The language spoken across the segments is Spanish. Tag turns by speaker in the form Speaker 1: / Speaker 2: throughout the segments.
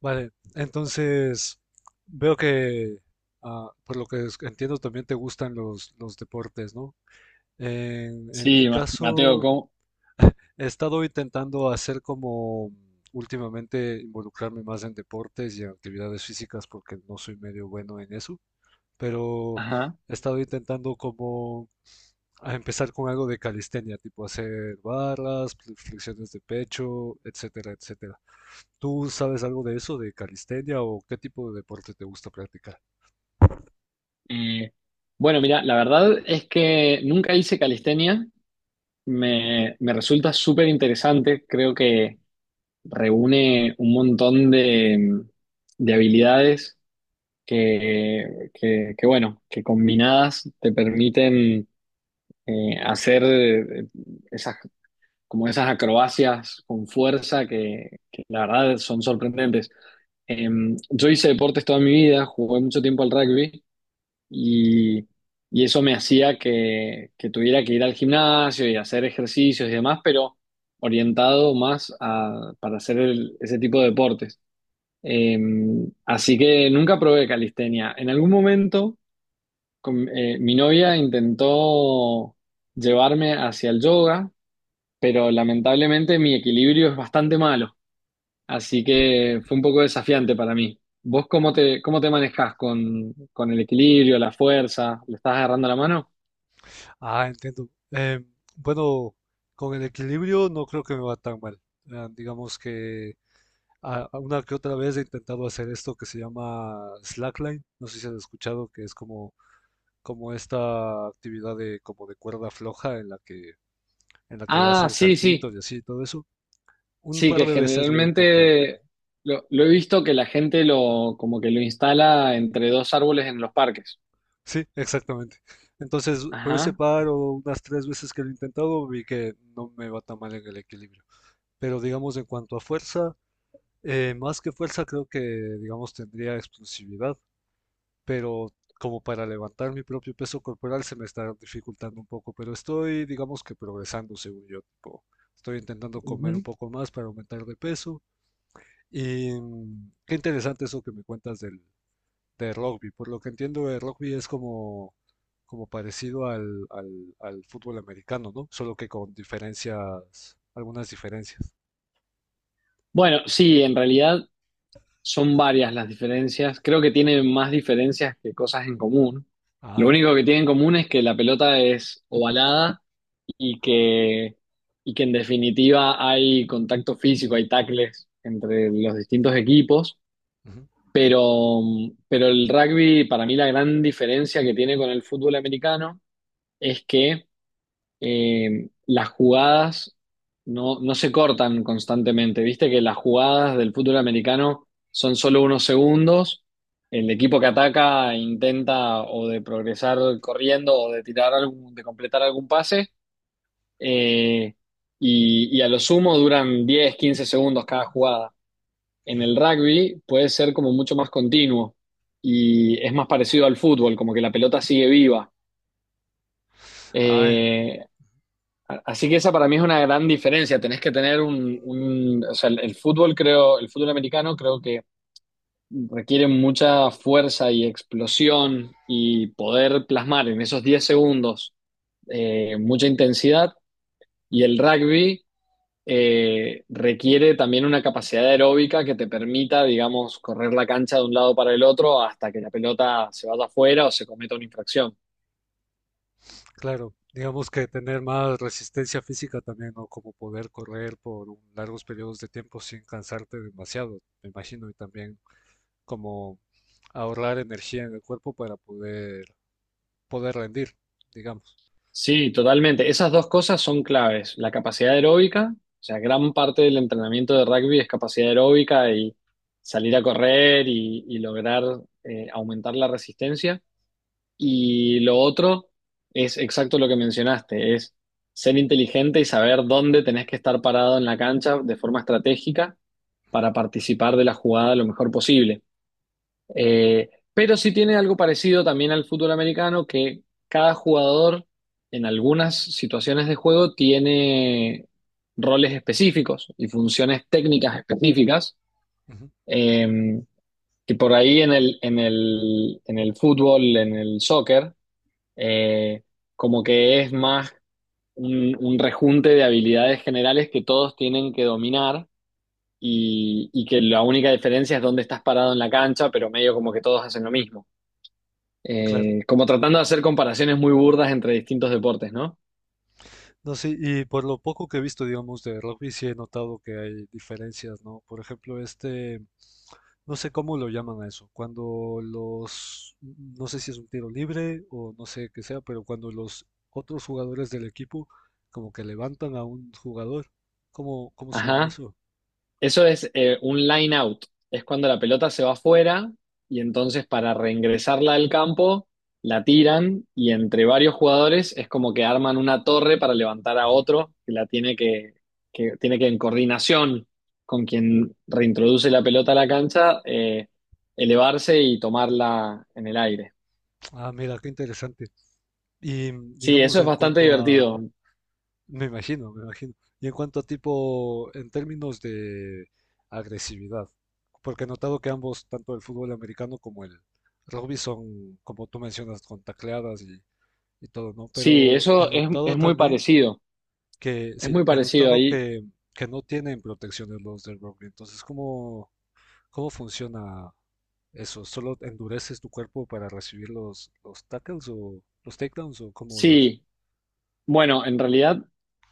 Speaker 1: Vale, entonces veo que, ah, por lo que entiendo, también te gustan los deportes, ¿no? En mi
Speaker 2: Sí, Mateo,
Speaker 1: caso,
Speaker 2: ¿cómo?
Speaker 1: he estado intentando hacer como últimamente involucrarme más en deportes y en actividades físicas porque no soy medio bueno en eso, pero
Speaker 2: Ajá.
Speaker 1: he estado intentando como a empezar con algo de calistenia, tipo hacer barras, flexiones de pecho, etcétera, etcétera. ¿Tú sabes algo de eso, de calistenia o qué tipo de deporte te gusta practicar?
Speaker 2: Eh, bueno, mira, la verdad es que nunca hice calistenia. Me resulta súper interesante. Creo que reúne un montón de habilidades bueno, que combinadas te permiten hacer esas, como esas acrobacias con fuerza que la verdad son sorprendentes. Yo hice deportes toda mi vida, jugué mucho tiempo al rugby y, y eso me hacía que tuviera que ir al gimnasio y hacer ejercicios y demás, pero orientado más a, para hacer ese tipo de deportes. Eh, Así que nunca probé calistenia. En algún momento mi novia intentó llevarme hacia el yoga, pero lamentablemente mi equilibrio es bastante malo. Así que fue un poco desafiante para mí. ¿Vos cómo te manejás con el equilibrio, la fuerza? ¿Le estás agarrando la mano?
Speaker 1: Ah, entiendo. Bueno, con el equilibrio no creo que me va tan mal. Ah, digamos que a una que otra vez he intentado hacer esto que se llama slackline. No sé si has escuchado que es como, como esta actividad de, como de cuerda floja en la que
Speaker 2: Ah,
Speaker 1: hacen
Speaker 2: sí, sí.
Speaker 1: saltitos y así, todo eso. Un
Speaker 2: Sí,
Speaker 1: par
Speaker 2: que
Speaker 1: de veces lo he intentado.
Speaker 2: generalmente lo he visto que la gente lo, como que lo instala entre dos árboles en los parques.
Speaker 1: Sí, exactamente. Entonces, por ese
Speaker 2: Ajá.
Speaker 1: par o unas tres veces que lo he intentado, vi que no me va tan mal en el equilibrio. Pero digamos, en cuanto a fuerza, más que fuerza, creo que, digamos, tendría explosividad. Pero como para levantar mi propio peso corporal se me está dificultando un poco. Pero estoy, digamos que progresando, según yo. Tipo, estoy intentando comer un
Speaker 2: Ujú.
Speaker 1: poco más para aumentar de peso. Y qué interesante eso que me cuentas del, de rugby. Por lo que entiendo, el rugby es como, como parecido al fútbol americano, ¿no? Solo que con diferencias, algunas diferencias.
Speaker 2: Bueno, sí, en realidad son varias las diferencias. Creo que tienen más diferencias que cosas en común. Lo
Speaker 1: Ah,
Speaker 2: único que tienen en común es que la pelota es ovalada y que, y que en definitiva hay contacto físico, hay tackles entre los distintos equipos,
Speaker 1: ujú,
Speaker 2: pero, pero el rugby, para mí la gran diferencia que tiene con el fútbol americano es que las jugadas no se cortan constantemente, viste que las jugadas del fútbol americano son solo unos segundos. El equipo que ataca intenta o de progresar corriendo o de tirar algún, de completar algún pase, eh, y a lo sumo duran 10 15 segundos cada jugada. En
Speaker 1: ujú.
Speaker 2: el rugby puede ser como mucho más continuo y es más parecido al fútbol, como que la pelota sigue viva.
Speaker 1: Ah,
Speaker 2: Eh, Así que esa para mí es una gran diferencia. Tenés que tener un, o sea, el fútbol creo, el fútbol americano creo que requiere mucha fuerza y explosión y poder plasmar en esos 10 segundos mucha intensidad. Y el rugby requiere también una capacidad aeróbica que te permita, digamos, correr la cancha de un lado para el otro hasta que la pelota se vaya afuera o se cometa una infracción.
Speaker 1: claro. Digamos que tener más resistencia física también, ¿no? Como poder correr por largos periodos de tiempo sin cansarte demasiado, me imagino, y también como ahorrar energía en el cuerpo para poder, poder rendir, digamos.
Speaker 2: Sí, totalmente. Esas dos cosas son claves. La capacidad aeróbica, o sea, gran parte del entrenamiento de rugby es capacidad aeróbica y salir a correr y lograr aumentar la resistencia. Y lo otro es exacto lo que mencionaste, es ser inteligente y saber dónde tenés que estar parado en la cancha de forma estratégica para participar de la jugada lo mejor posible. Pero sí tiene algo parecido también al fútbol americano, que cada jugador en algunas situaciones de juego tiene roles específicos y funciones técnicas específicas.
Speaker 1: Ujú,
Speaker 2: eh, que por ahí en el, en el, en el fútbol, en el soccer, eh, como que es más un rejunte de habilidades generales que todos tienen que dominar y que la única diferencia es dónde estás parado en la cancha, pero medio como que todos hacen lo mismo.
Speaker 1: claro.
Speaker 2: Como tratando de hacer comparaciones muy burdas entre distintos deportes, ¿no?
Speaker 1: No, sí, y por lo poco que he visto, digamos, de rugby, sí he notado que hay diferencias, ¿no? Por ejemplo, este, no sé cómo lo llaman a eso, cuando los, no sé si es un tiro libre o no sé qué sea, pero cuando los otros jugadores del equipo como que levantan a un jugador, ¿cómo, cómo se llama
Speaker 2: Ajá.
Speaker 1: eso?
Speaker 2: Eso es un line out. Es cuando la pelota se va afuera y entonces para reingresarla al campo la tiran y entre varios jugadores es como que arman una torre para levantar a
Speaker 1: Ujú.
Speaker 2: otro que la tiene que tiene que en coordinación con quien reintroduce la pelota a la cancha elevarse y tomarla en el aire.
Speaker 1: Ah, mira, qué interesante. Y
Speaker 2: Sí,
Speaker 1: digamos,
Speaker 2: eso es
Speaker 1: en
Speaker 2: bastante
Speaker 1: cuanto a,
Speaker 2: divertido.
Speaker 1: me imagino, me imagino. Y en cuanto a tipo, en términos de agresividad, porque he notado que ambos, tanto el fútbol americano como el rugby, son, como tú mencionas, con tacleadas y todo, ¿no?
Speaker 2: Sí,
Speaker 1: Pero he
Speaker 2: eso
Speaker 1: notado
Speaker 2: es muy
Speaker 1: también
Speaker 2: parecido.
Speaker 1: que,
Speaker 2: Es
Speaker 1: sí,
Speaker 2: muy
Speaker 1: he
Speaker 2: parecido
Speaker 1: notado
Speaker 2: ahí.
Speaker 1: que no tienen protecciones los del rugby. Entonces, ¿cómo, cómo funciona eso? ¿Solo endureces tu cuerpo para recibir los tackles o los takedowns o cómo lo haces?
Speaker 2: Sí, bueno, en realidad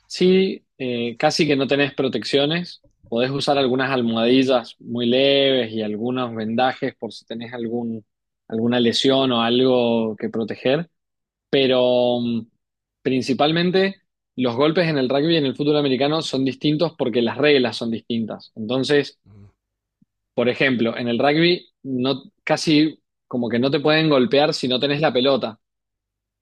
Speaker 2: sí, casi que no tenés protecciones. Podés usar
Speaker 1: Ujú,
Speaker 2: algunas almohadillas muy leves y algunos vendajes por si tenés algún, alguna lesión o algo que proteger. Pero principalmente los golpes en el rugby y en el fútbol americano son distintos porque las reglas son distintas. Entonces,
Speaker 1: ujú,
Speaker 2: por ejemplo, en el rugby casi como que no te pueden golpear si no tenés la pelota.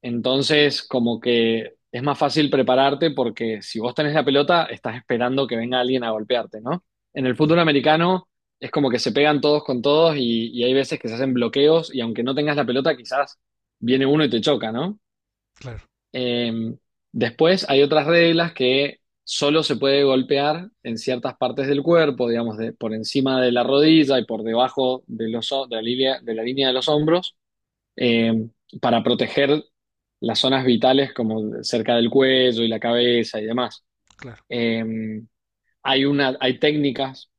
Speaker 2: Entonces, como que es más fácil prepararte porque si vos tenés la pelota, estás esperando que venga alguien a golpearte, ¿no? En el
Speaker 1: ujú.
Speaker 2: fútbol americano es como que se pegan todos con todos y hay veces que se hacen bloqueos y aunque no tengas la pelota, quizás viene uno y te choca, ¿no?
Speaker 1: Claro,
Speaker 2: Eh, Después hay otras reglas que solo se puede golpear en ciertas partes del cuerpo, digamos, por encima de la rodilla y por debajo de, los, de la línea, de la línea de los hombros eh, para proteger las zonas vitales como cerca del cuello y la cabeza y demás.
Speaker 1: claro.
Speaker 2: Eh, Hay una, hay técnicas,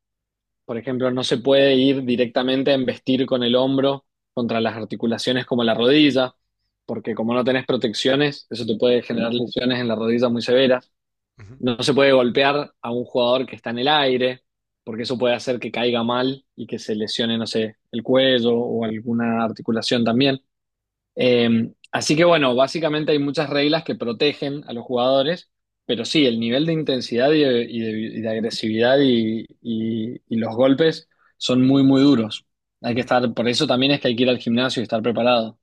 Speaker 2: por ejemplo, no se puede ir directamente a embestir con el hombro contra las articulaciones como la rodilla, porque como no tenés protecciones, eso te puede generar lesiones en la rodilla muy severas.
Speaker 1: Ujú,
Speaker 2: No se puede golpear a un jugador que está en el aire, porque eso puede hacer que caiga mal y que se lesione, no sé, el cuello o alguna articulación también. Así que bueno, básicamente hay muchas reglas que protegen a los jugadores, pero sí, el nivel de intensidad y de, y de agresividad y los golpes son muy, muy duros. Hay que
Speaker 1: ujú.
Speaker 2: estar, por eso también es que hay que ir al gimnasio y estar preparado.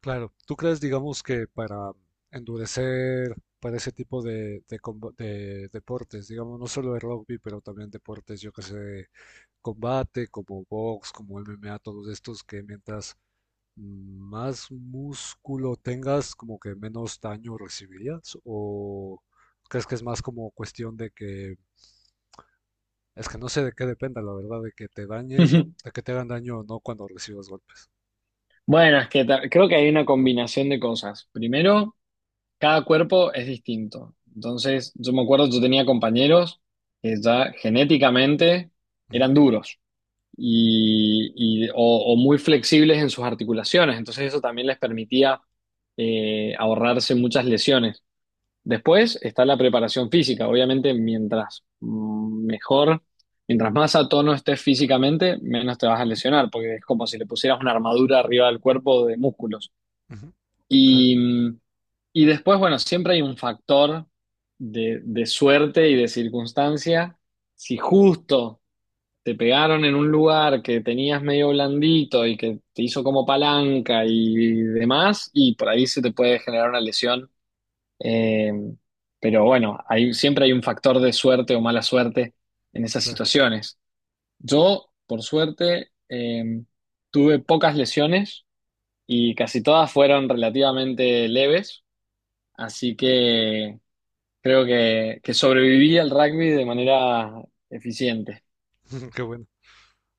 Speaker 1: Claro, ¿tú crees, digamos, que para endurecer para ese tipo de, de deportes, digamos, no solo de rugby, pero también deportes, yo que sé, de combate, como box, como MMA, todos estos que mientras más músculo tengas, como que menos daño recibirías? ¿O crees que es más como cuestión de que, es que no sé de qué dependa, la verdad, de que te dañes o de que te hagan daño o no cuando recibas golpes?
Speaker 2: Bueno, es que creo que hay una combinación de cosas. Primero, cada cuerpo es distinto. Entonces, yo me acuerdo, yo tenía compañeros que ya genéticamente
Speaker 1: Ujú,
Speaker 2: eran duros. Y, o muy flexibles en sus articulaciones. Entonces eso también les permitía ahorrarse muchas lesiones. Después está la preparación física. Obviamente, mejor, mientras más a tono estés físicamente, menos te vas a lesionar, porque es como si le pusieras una armadura arriba del cuerpo de músculos.
Speaker 1: ujú, claro,
Speaker 2: Y, mm, y después, bueno, siempre hay un factor de suerte y de circunstancia. Si justo te pegaron en un lugar que tenías medio blandito y que te hizo como palanca y demás, y por ahí se te puede generar una lesión. Eh, pero bueno, hay, siempre hay un factor de suerte o mala suerte en esas
Speaker 1: claro.
Speaker 2: situaciones. Yo, por suerte, tuve pocas lesiones y casi todas fueron relativamente leves, así que creo que sobreviví al rugby de manera eficiente.
Speaker 1: Qué bueno,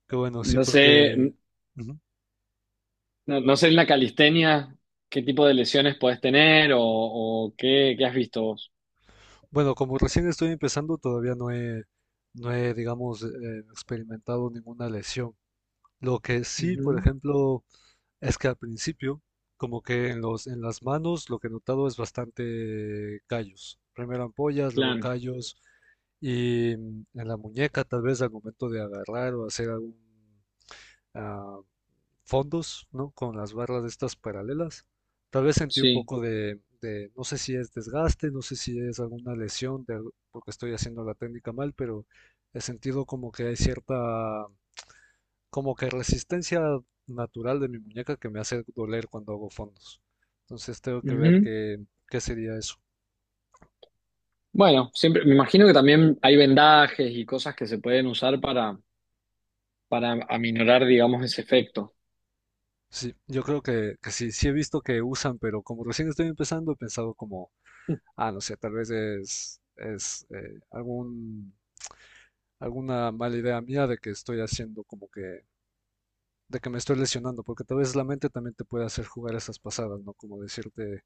Speaker 1: qué bueno, sí,
Speaker 2: No sé,
Speaker 1: porque, ujú.
Speaker 2: no, no sé en la calistenia qué tipo de lesiones podés tener o qué, qué has visto vos.
Speaker 1: Bueno, como recién estoy empezando, todavía no no he, digamos, experimentado ninguna lesión. Lo que sí, por
Speaker 2: Ujú,
Speaker 1: ejemplo, es que al principio, como que en en las manos, lo que he notado es bastante callos. Primero ampollas, luego
Speaker 2: claro,
Speaker 1: callos, y en la muñeca, tal vez al momento de agarrar o hacer algún ah, fondos, ¿no? Con las barras de estas paralelas. Tal vez sentí un
Speaker 2: sí.
Speaker 1: poco de, no sé si es desgaste, no sé si es alguna lesión porque estoy haciendo la técnica mal, pero he sentido como que hay cierta, como que resistencia natural de mi muñeca que me hace doler cuando hago fondos. Entonces tengo que ver
Speaker 2: Ujú.
Speaker 1: qué, qué sería eso.
Speaker 2: Bueno, siempre, me imagino que también hay vendajes y cosas que se pueden usar para aminorar, digamos, ese efecto.
Speaker 1: Sí, yo creo que sí, sí he visto que usan, pero como recién estoy empezando, he pensado como, ah, no sé, tal vez es algún alguna mala idea mía de que estoy haciendo como que, de que me estoy lesionando, porque tal vez la mente también te puede hacer jugar esas pasadas, ¿no? Como decirte,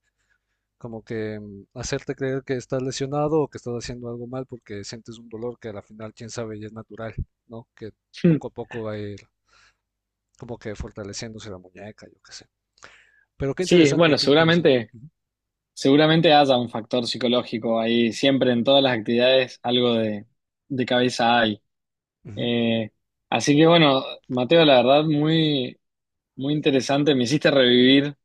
Speaker 1: como que hacerte creer que estás lesionado o que estás haciendo algo mal porque sientes un dolor que a la final, quién sabe, y es natural, ¿no? Que
Speaker 2: Hmm.
Speaker 1: poco a poco va a ir como que fortaleciéndose la muñeca, yo qué sé. Pero qué
Speaker 2: Sí,
Speaker 1: interesante,
Speaker 2: bueno,
Speaker 1: qué interesante.
Speaker 2: seguramente,
Speaker 1: Ujú.
Speaker 2: seguramente haya un factor psicológico ahí, siempre en todas las actividades algo de cabeza hay.
Speaker 1: Ujú.
Speaker 2: Eh, Así que bueno, Mateo, la verdad, muy, muy interesante, me hiciste revivir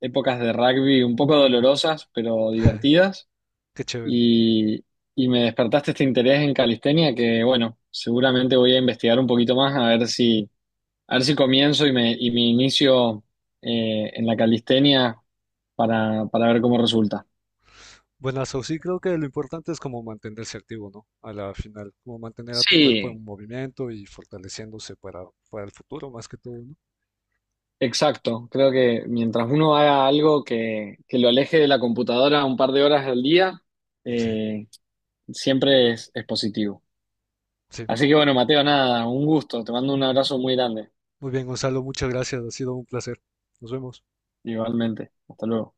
Speaker 2: épocas de rugby un poco dolorosas, pero divertidas.
Speaker 1: Qué chévere.
Speaker 2: Y, y me despertaste este interés en calistenia que, bueno, seguramente voy a investigar un poquito más a ver si comienzo y me inicio en la calistenia para ver cómo resulta.
Speaker 1: Buenazo, sí creo que lo importante es como mantenerse activo, ¿no? A la final, como mantener a tu cuerpo
Speaker 2: Sí,
Speaker 1: en movimiento y fortaleciéndose para el futuro más que todo, ¿no?
Speaker 2: exacto. Creo que mientras uno haga algo que lo aleje de la computadora un par de horas al día,
Speaker 1: Sí,
Speaker 2: eh, siempre es positivo.
Speaker 1: sí.
Speaker 2: Así que bueno, Mateo, nada, un gusto. Te mando un abrazo muy grande.
Speaker 1: Muy bien, Gonzalo, muchas gracias, ha sido un placer. Nos vemos.
Speaker 2: Igualmente. Hasta luego.